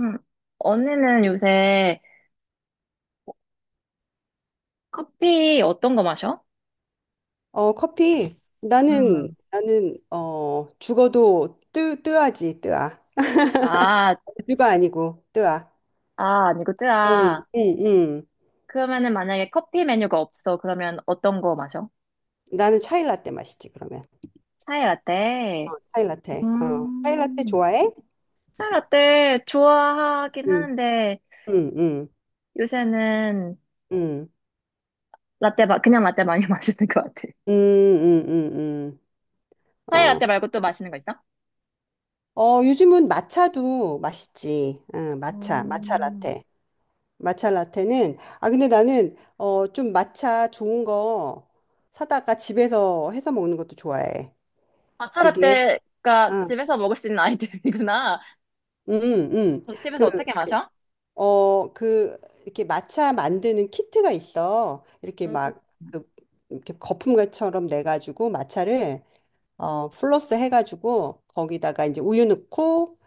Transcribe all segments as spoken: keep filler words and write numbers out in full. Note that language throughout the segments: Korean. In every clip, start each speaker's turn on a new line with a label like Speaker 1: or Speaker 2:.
Speaker 1: 음. 언니는 요새 커피 어떤 거 마셔?
Speaker 2: 어, 커피. 나는,
Speaker 1: 음.
Speaker 2: 나는, 어, 죽어도 뜨, 뜨아지, 뜨아.
Speaker 1: 아,
Speaker 2: 죽가 아니고, 뜨아.
Speaker 1: 아,
Speaker 2: 응,
Speaker 1: 아니구나.
Speaker 2: 응, 응.
Speaker 1: 그러면은 만약에 커피 메뉴가 없어. 그러면 어떤 거 마셔?
Speaker 2: 나는 차일라떼 마시지, 그러면.
Speaker 1: 차이 라떼.
Speaker 2: 차일라떼. 어, 차일라떼
Speaker 1: 음.
Speaker 2: 좋아해?
Speaker 1: 차이 라떼 좋아하긴
Speaker 2: 응,
Speaker 1: 하는데
Speaker 2: 응, 응,
Speaker 1: 요새는
Speaker 2: 응.
Speaker 1: 라떼, 마, 그냥 라떼 많이 마시는 것 같아.
Speaker 2: 응, 응, 응, 응.
Speaker 1: 차이
Speaker 2: 어.
Speaker 1: 라떼 말고 또 마시는 거 있어?
Speaker 2: 어, 요즘은 마차도 맛있지. 응, 마차, 마차
Speaker 1: 음.
Speaker 2: 라떼. 마차 라떼는, 아, 근데 나는, 어, 좀 마차 좋은 거 사다가 집에서 해서 먹는 것도 좋아해.
Speaker 1: matcha
Speaker 2: 그게
Speaker 1: 라떼가
Speaker 2: 아,
Speaker 1: 집에서 먹을 수 있는 아이템이구나.
Speaker 2: 음, 음.
Speaker 1: 그럼 집에서
Speaker 2: 그,
Speaker 1: 어떻게 마셔?
Speaker 2: 어, 그 이렇게 마차 만드는 키트가 있어. 이렇게 막, 그, 이렇게 거품과처럼 내 가지고 마차를 어, 플러스 해 가지고 거기다가 이제 우유 넣고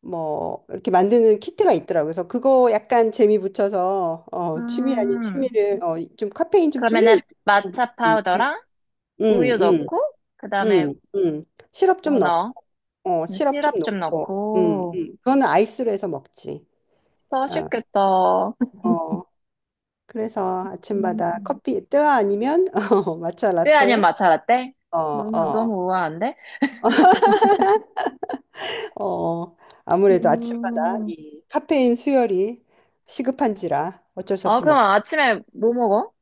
Speaker 2: 뭐 이렇게 만드는 키트가 있더라고. 그래서 그거 약간 재미 붙여서, 어, 취미 아닌
Speaker 1: 음.
Speaker 2: 취미를, 어, 좀 카페인 좀
Speaker 1: 그러면은
Speaker 2: 줄이려고.
Speaker 1: 마차
Speaker 2: 음, 음,
Speaker 1: 파우더랑 우유
Speaker 2: 음.
Speaker 1: 넣고 그다음에
Speaker 2: 음. 음, 음. 시럽
Speaker 1: 뭐
Speaker 2: 좀 넣고.
Speaker 1: 넣어?
Speaker 2: 어,
Speaker 1: 음,
Speaker 2: 시럽 좀
Speaker 1: 시럽 좀
Speaker 2: 넣고, 음,
Speaker 1: 넣고
Speaker 2: 음. 그거는 아이스로 해서 먹지. 어,
Speaker 1: 맛있겠다.
Speaker 2: 어. 그래서
Speaker 1: 음.
Speaker 2: 아침마다 커피 뜨아 아니면 어, 마차
Speaker 1: 뼈 아니면
Speaker 2: 라떼.
Speaker 1: 마차 라떼?
Speaker 2: 어,
Speaker 1: 너무
Speaker 2: 어,
Speaker 1: 너무 우아한데?
Speaker 2: 어. 아무래도 아침마다
Speaker 1: 음.
Speaker 2: 이 카페인 수혈이 시급한지라 어쩔 수
Speaker 1: 어
Speaker 2: 없이
Speaker 1: 그럼
Speaker 2: 먹고.
Speaker 1: 아침에 뭐 먹어?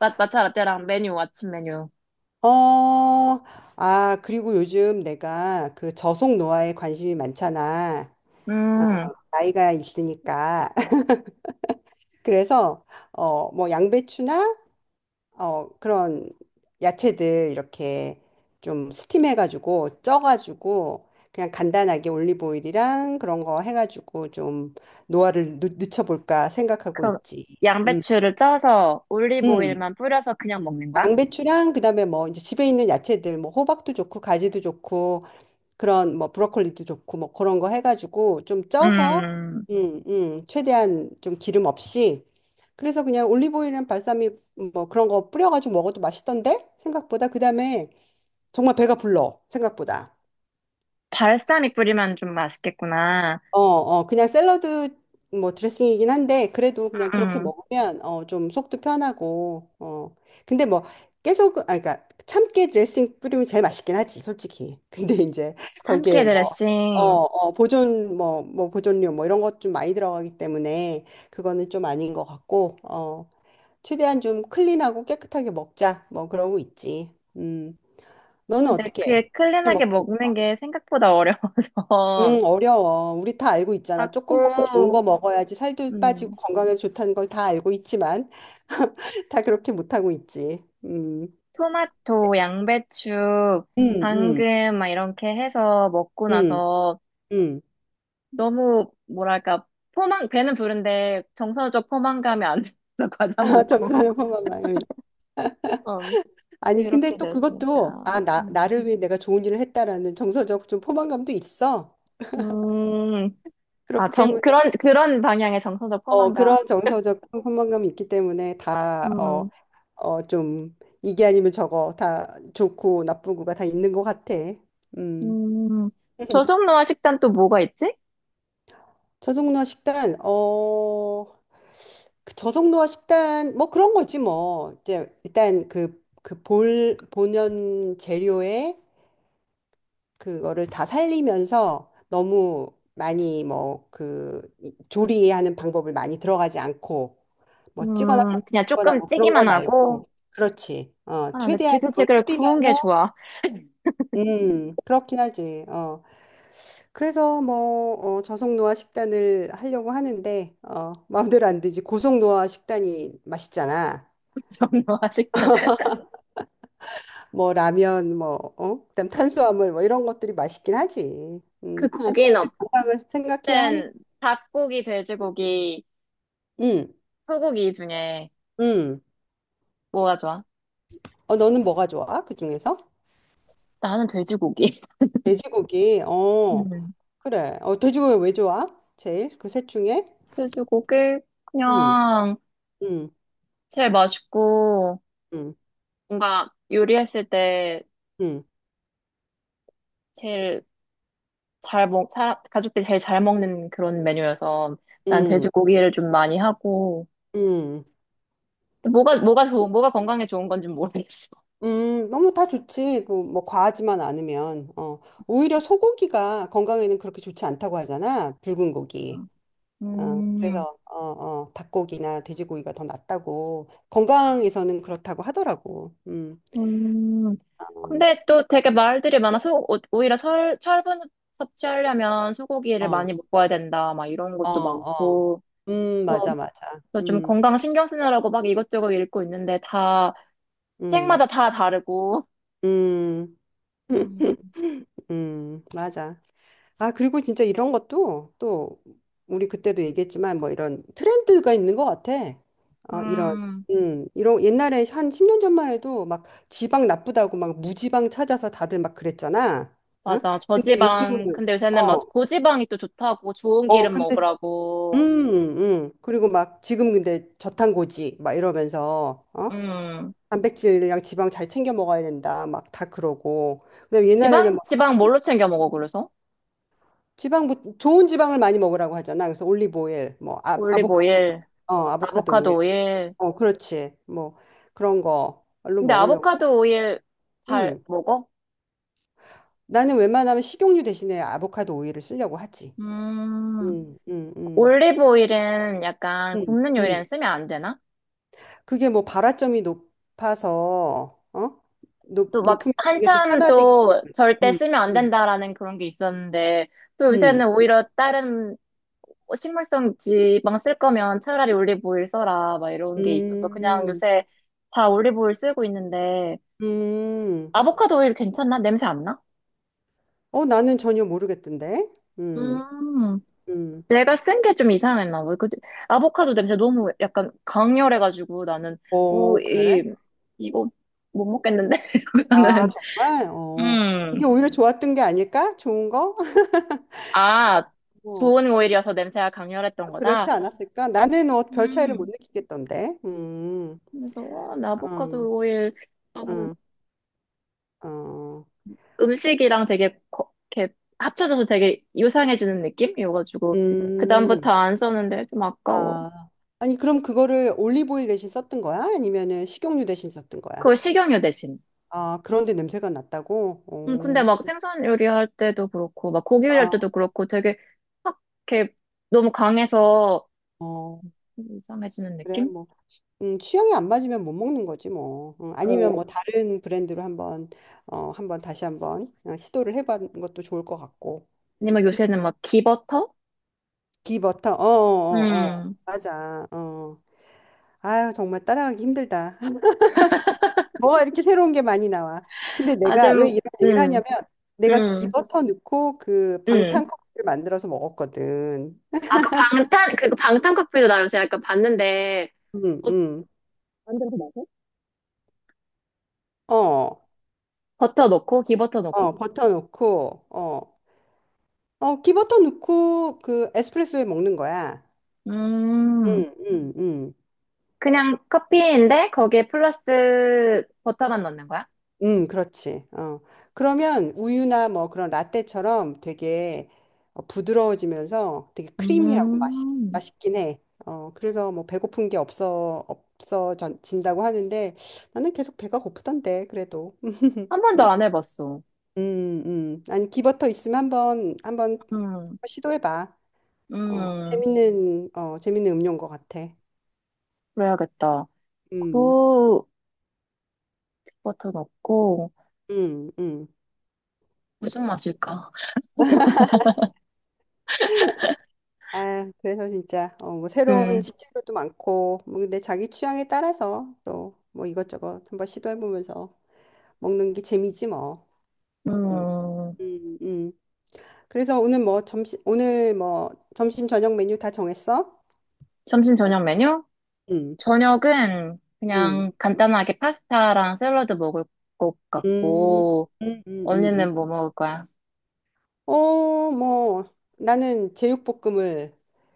Speaker 1: 마, 마차 라떼랑 메뉴 아침 메뉴.
Speaker 2: 어, 아, 그리고 요즘 내가 그 저속 노화에 관심이 많잖아.
Speaker 1: 음.
Speaker 2: 나이가 있으니까. 그래서, 어, 뭐 양배추나, 어, 그런 야채들 이렇게 좀 스팀해가지고 쪄가지고 그냥 간단하게 올리브 오일이랑 그런 거 해가지고 좀 노화를, 늦, 늦춰볼까 생각하고
Speaker 1: 그럼
Speaker 2: 있지. 음,
Speaker 1: 양배추를 쪄서 올리브
Speaker 2: 음.
Speaker 1: 오일만 뿌려서 그냥 먹는 거야?
Speaker 2: 양배추랑 그다음에 뭐 이제 집에 있는 야채들 뭐 호박도 좋고 가지도 좋고 그런 뭐 브로콜리도 좋고 뭐 그런 거 해가지고 좀 쪄서,
Speaker 1: 음.
Speaker 2: 음, 음, 최대한 좀 기름 없이 그래서 그냥 올리브오일이랑 발사믹 뭐 그런 거 뿌려가지고 먹어도 맛있던데. 생각보다 그다음에 정말 배가 불러, 생각보다.
Speaker 1: 발사믹 뿌리면 좀 맛있겠구나.
Speaker 2: 어, 어, 그냥 샐러드 뭐 드레싱이긴 한데 그래도 그냥 그렇게
Speaker 1: 음.
Speaker 2: 먹으면, 어, 좀 속도 편하고 어. 근데 뭐 계속, 아 그러니까 참깨 드레싱 뿌리면 제일 맛있긴 하지 솔직히. 근데 이제
Speaker 1: 참깨
Speaker 2: 거기에, 어,
Speaker 1: 드레싱.
Speaker 2: 어, 보존, 뭐, 뭐, 보존료, 뭐, 이런 것 좀 많이 들어가기 때문에, 그거는 좀 아닌 것 같고. 어, 최대한 좀 클린하고 깨끗하게 먹자, 뭐, 그러고 있지. 음, 너는
Speaker 1: 근데
Speaker 2: 어떻게 해?
Speaker 1: 그게
Speaker 2: 어떻게
Speaker 1: 클린하게
Speaker 2: 먹고?
Speaker 1: 먹는 게 생각보다 어려워서
Speaker 2: 응, 어려워. 우리 다 알고 있잖아. 조금 먹고 좋은 거
Speaker 1: 자꾸
Speaker 2: 먹어야지 살도 빠지고
Speaker 1: 음,
Speaker 2: 건강에 좋다는 걸 다 알고 있지만, 다 그렇게 못하고 있지. 음,
Speaker 1: 토마토, 양배추,
Speaker 2: 음, 음,
Speaker 1: 당근 막 이렇게 해서 먹고
Speaker 2: 음,
Speaker 1: 나서
Speaker 2: 음.
Speaker 1: 너무 뭐랄까 포만 배는 부른데 정서적 포만감이 안 돼서 과자 먹고
Speaker 2: 점수하는 만.
Speaker 1: 음,
Speaker 2: 아니, 근데
Speaker 1: 이렇게
Speaker 2: 또 그것도,
Speaker 1: 되었으니까
Speaker 2: 아, 나,
Speaker 1: 음,
Speaker 2: 나를 위해 내가 좋은 일을 했다라는 정서적 좀 포만감도 있어.
Speaker 1: 음, 아,
Speaker 2: 그렇기
Speaker 1: 정,
Speaker 2: 때문에,
Speaker 1: 그런 그런 방향의 정서적
Speaker 2: 어,
Speaker 1: 포만감.
Speaker 2: 그런 정서적 포만감이 있기 때문에 다, 어,
Speaker 1: 음,
Speaker 2: 어, 좀, 이게 아니면 저거 다 좋고 나쁘고가 다 있는 것 같아. 음.
Speaker 1: 음, 조선노아 식단 또 뭐가 있지?
Speaker 2: 저속노화 식단. 어, 그 저속노화 식단, 뭐 그런 거지 뭐. 이제 일단 그, 그 볼, 본연 재료에 그거를 다 살리면서 너무 많이 뭐 그 조리하는 방법을 많이 들어가지 않고 뭐 찌거나
Speaker 1: 음, 그냥
Speaker 2: 굽거나
Speaker 1: 조금
Speaker 2: 뭐 그런 거
Speaker 1: 찌기만 하고.
Speaker 2: 말고, 그렇지. 어,
Speaker 1: 아, 근데
Speaker 2: 최대한 그걸
Speaker 1: 지글지글 구운 게
Speaker 2: 줄이면서.
Speaker 1: 좋아.
Speaker 2: 음, 그렇긴 하지. 어. 그래서 뭐, 어, 저속노화 식단을 하려고 하는데, 어, 마음대로 안 되지. 고속노화 식단이 맛있잖아.
Speaker 1: 저는 아직 도
Speaker 2: 뭐 라면 뭐 어? 그다음 탄수화물 뭐 이런 것들이 맛있긴 하지.
Speaker 1: 그
Speaker 2: 음. 하지만 이제
Speaker 1: 고기는
Speaker 2: 건강을 생각해야 하니까.
Speaker 1: 없는 닭고기, 돼지고기,
Speaker 2: 음.
Speaker 1: 소고기 중에
Speaker 2: 음.
Speaker 1: 뭐가 좋아?
Speaker 2: 어, 너는 뭐가 좋아? 그 중에서?
Speaker 1: 나는 돼지고기.
Speaker 2: 돼지고기. 어,
Speaker 1: 음.
Speaker 2: 그래. 어, 돼지고기 왜 좋아? 제일 그 셋 중에?
Speaker 1: 돼지고기
Speaker 2: 음,
Speaker 1: 그냥
Speaker 2: 음,
Speaker 1: 제일 맛있고
Speaker 2: 음,
Speaker 1: 뭔가 요리했을 때
Speaker 2: 음,
Speaker 1: 제일 잘 먹, 사, 가족들이 제일 잘 먹는 그런 메뉴여서 난
Speaker 2: 음,
Speaker 1: 돼지고기를 좀 많이 하고
Speaker 2: 음,
Speaker 1: 뭐가 뭐가 좋은 뭐가 건강에 좋은 건지 모르겠어.
Speaker 2: 음. 너무 다 좋지. 뭐, 뭐 과하지만 않으면. 어, 오히려 소고기가 건강에는 그렇게 좋지 않다고 하잖아. 붉은 고기. 어,
Speaker 1: 음.
Speaker 2: 그래서, 어, 어, 닭고기나 돼지고기가 더 낫다고 건강에서는 그렇다고 하더라고. 음.
Speaker 1: 음,
Speaker 2: 어,
Speaker 1: 근데 또 되게 말들이 많아서 오- 오히려 설, 철분 섭취하려면 소고기를
Speaker 2: 어,
Speaker 1: 많이 먹어야 된다, 막 이런
Speaker 2: 어.
Speaker 1: 것도
Speaker 2: 어.
Speaker 1: 많고,
Speaker 2: 음, 맞아,
Speaker 1: 또,
Speaker 2: 맞아.
Speaker 1: 또 좀
Speaker 2: 음.
Speaker 1: 건강 신경 쓰느라고 막 이것저것 읽고 있는데 다,
Speaker 2: 음,
Speaker 1: 책마다 다 다르고.
Speaker 2: 음,
Speaker 1: 음,
Speaker 2: 음, 맞아. 아, 그리고 진짜 이런 것도 또 우리 그때도 얘기했지만 뭐 이런 트렌드가 있는 것 같아. 어, 이런,
Speaker 1: 음,
Speaker 2: 음, 이런 옛날에 한 십 년 전만 해도 막 지방 나쁘다고 막 무지방 찾아서 다들 막 그랬잖아. 어?
Speaker 1: 맞아.
Speaker 2: 근데
Speaker 1: 저지방,
Speaker 2: 요즘은,
Speaker 1: 근데 요새는 막
Speaker 2: 어,
Speaker 1: 고지방이 또 좋다고 좋은
Speaker 2: 어,
Speaker 1: 기름
Speaker 2: 근데, 지- 음,
Speaker 1: 먹으라고.
Speaker 2: 음. 그리고 막 지금 근데 저탄고지 막 이러면서, 어?
Speaker 1: 음,
Speaker 2: 단백질이랑 지방 잘 챙겨 먹어야 된다. 막 다 그러고. 그다음에 옛날에는
Speaker 1: 지방, 지방 뭘로 챙겨 먹어, 그래서?
Speaker 2: 지방, 부- 좋은 지방을 많이 먹으라고 하잖아. 그래서 올리브 오일, 뭐, 아,
Speaker 1: 올리브
Speaker 2: 아보카도, 오일.
Speaker 1: 오일,
Speaker 2: 어 아보카도 오일.
Speaker 1: 아보카도 오일.
Speaker 2: 어 그렇지, 뭐 그런 걸로
Speaker 1: 근데
Speaker 2: 먹으려고.
Speaker 1: 아보카도 오일 잘
Speaker 2: 음,
Speaker 1: 먹어?
Speaker 2: 나는 웬만하면 식용유 대신에 아보카도 오일을 쓰려고 하지.
Speaker 1: 음,
Speaker 2: 음, 음, 음,
Speaker 1: 올리브 오일은 약간
Speaker 2: 음,
Speaker 1: 굽는
Speaker 2: 음.
Speaker 1: 요리에는 쓰면 안 되나?
Speaker 2: 그게 뭐 발화점이 높아서, 어 높,
Speaker 1: 또 막
Speaker 2: 높으면 그게 또
Speaker 1: 한참
Speaker 2: 산화되기.
Speaker 1: 또 절대
Speaker 2: 음,
Speaker 1: 쓰면 안
Speaker 2: 음,
Speaker 1: 된다라는 그런 게 있었는데, 또
Speaker 2: 음,
Speaker 1: 요새는 오히려 다른 식물성 지방 쓸 거면 차라리 올리브 오일 써라, 막 이런 게 있어서 그냥
Speaker 2: 음,
Speaker 1: 요새 다 올리브 오일 쓰고 있는데,
Speaker 2: 음.
Speaker 1: 아보카도 오일 괜찮나? 냄새 안 나?
Speaker 2: 어 나는 전혀 모르겠던데. 음,
Speaker 1: 음.
Speaker 2: 음.
Speaker 1: 내가 쓴 게 좀 이상했나 봐. 그 아보카도 냄새 너무 약간 강렬해가지고 나는 오,
Speaker 2: 어 그래?
Speaker 1: 이 이거 못 먹겠는데
Speaker 2: 아,
Speaker 1: 이러면은
Speaker 2: 정말? 어.
Speaker 1: 음.
Speaker 2: 그게 오히려 좋았던 게 아닐까? 좋은 거?
Speaker 1: 아,
Speaker 2: 어.
Speaker 1: 좋은 오일이어서 냄새가 강렬했던
Speaker 2: 그렇지
Speaker 1: 거다.
Speaker 2: 않았을까? 나는, 어, 별 차이를 못
Speaker 1: 음.
Speaker 2: 느끼겠던데. 음.
Speaker 1: 그래서 어, 나
Speaker 2: 어.
Speaker 1: 아보카도 오일 너무
Speaker 2: 음. 어.
Speaker 1: 음식이랑 되게 거- 이렇게 합쳐져서 되게 유상해지는 느낌이어가지고
Speaker 2: 음.
Speaker 1: 그다음부터 안 썼는데 좀 아까워.
Speaker 2: 아. 아니, 그럼 그거를 올리브오일 대신 썼던 거야? 아니면은 식용유 대신 썼던 거야?
Speaker 1: 그거 식용유 대신.
Speaker 2: 아, 그런데 냄새가 났다고?
Speaker 1: 음, 근데
Speaker 2: 오.
Speaker 1: 막 생선 요리할 때도 그렇고, 막 고기 요리할
Speaker 2: 아,
Speaker 1: 때도 그렇고, 되게 확 이렇게 너무 강해서
Speaker 2: 어.
Speaker 1: 이상해지는
Speaker 2: 그래,
Speaker 1: 느낌?
Speaker 2: 뭐. 음, 취향이 안 맞으면 못 먹는 거지, 뭐. 음, 아니면
Speaker 1: 어,
Speaker 2: 뭐 다른 브랜드로 한번, 어, 한번 다시 한번, 어, 시도를 해보는 것도 좋을 것 같고.
Speaker 1: 아니면 요새는 막 기버터?
Speaker 2: 기버터. 어, 어, 어.
Speaker 1: 음,
Speaker 2: 맞아. 어. 아유, 정말 따라가기 힘들다. 뭐가 이렇게 새로운 게 많이 나와. 근데 내가 왜
Speaker 1: 아주,
Speaker 2: 이런 얘기를
Speaker 1: 음,
Speaker 2: 하냐면, 내가
Speaker 1: 음,
Speaker 2: 기버터 넣고 그
Speaker 1: 음.
Speaker 2: 방탄 커피를 만들어서 먹었거든.
Speaker 1: 아까 방탄, 그 그 방탄 커피도 나 요새 약간 봤는데,
Speaker 2: 응,
Speaker 1: 어,
Speaker 2: 응.
Speaker 1: 완전 그
Speaker 2: 어,
Speaker 1: 버터 넣고, 기버터 넣고?
Speaker 2: 어, 버터 넣고. 어, 어, 기버터 넣고 그 에스프레소에 먹는 거야.
Speaker 1: 음,
Speaker 2: 응, 응, 응.
Speaker 1: 그냥 커피인데, 거기에 플러스 버터만 넣는 거야?
Speaker 2: 음, 그렇지. 어. 그러면 우유나 뭐 그런 라떼처럼 되게, 어, 부드러워지면서 되게 크리미하고, 맛있,
Speaker 1: 음,
Speaker 2: 맛있긴 해. 어, 그래서 뭐 배고픈 게, 없어, 없어진다고 하는데 나는 계속 배가 고프던데, 그래도.
Speaker 1: 한 번도 안 해봤어.
Speaker 2: 음, 음. 아니, 기버터 있으면 한번, 한번
Speaker 1: 음.
Speaker 2: 시도해봐. 어,
Speaker 1: 음,
Speaker 2: 재밌는, 어, 재밌는 음료인 것 같아.
Speaker 1: 그래야겠다.
Speaker 2: 음,
Speaker 1: 그 버터 넣고
Speaker 2: 음, 음.
Speaker 1: 무슨 맛일까?
Speaker 2: 아, 그래서 진짜, 어, 뭐 새로운
Speaker 1: 음,
Speaker 2: 식재료도 많고 뭐 근데 자기 취향에 따라서 또 뭐 이것저것 한번 시도해보면서 먹는 게 재미지 뭐. 음,
Speaker 1: 음,
Speaker 2: 음, 음. 그래서 오늘 뭐 점심 오늘 뭐 점심 저녁 메뉴 다 정했어?
Speaker 1: 점심 저녁 메뉴?
Speaker 2: 음,
Speaker 1: 저녁은
Speaker 2: 음,
Speaker 1: 그냥 간단하게 파스타랑 샐러드 먹을 것
Speaker 2: 음,
Speaker 1: 같고,
Speaker 2: 음, 음, 음.
Speaker 1: 언니는 뭐
Speaker 2: 음.
Speaker 1: 먹을 거야?
Speaker 2: 어, 뭐 나는 제육볶음을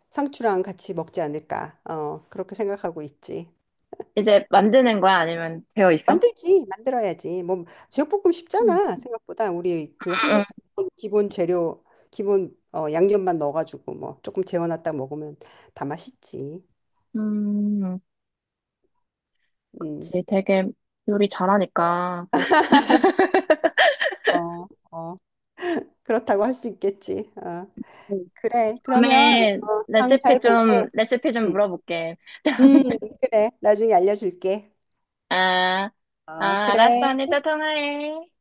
Speaker 2: 상추랑 같이 먹지 않을까. 어, 그렇게 생각하고 있지.
Speaker 1: 이제 만드는 거야? 아니면 되어 있어?
Speaker 2: 만들지, 만들어야지. 뭐 제육볶음
Speaker 1: 음.
Speaker 2: 쉽잖아. 생각보다 우리 그 한국 기본, 기본 재료, 기본, 어, 양념만 넣어가지고 뭐 조금 재워놨다 먹으면 다 맛있지.
Speaker 1: 음,
Speaker 2: 음,
Speaker 1: 그치. 되게 요리 잘하니까.
Speaker 2: 어, 어, 그렇다고 할 수 있겠지. 어,
Speaker 1: 음.
Speaker 2: 그래. 그러면,
Speaker 1: 다음에
Speaker 2: 어, 장
Speaker 1: 레시피
Speaker 2: 잘
Speaker 1: 좀,
Speaker 2: 보고,
Speaker 1: 레시피 좀
Speaker 2: 응,
Speaker 1: 물어볼게.
Speaker 2: 음, 그래. 나중에 알려줄게.
Speaker 1: 아, 아,
Speaker 2: 어,
Speaker 1: 알았어.
Speaker 2: 그래.
Speaker 1: 언니 또 통화해.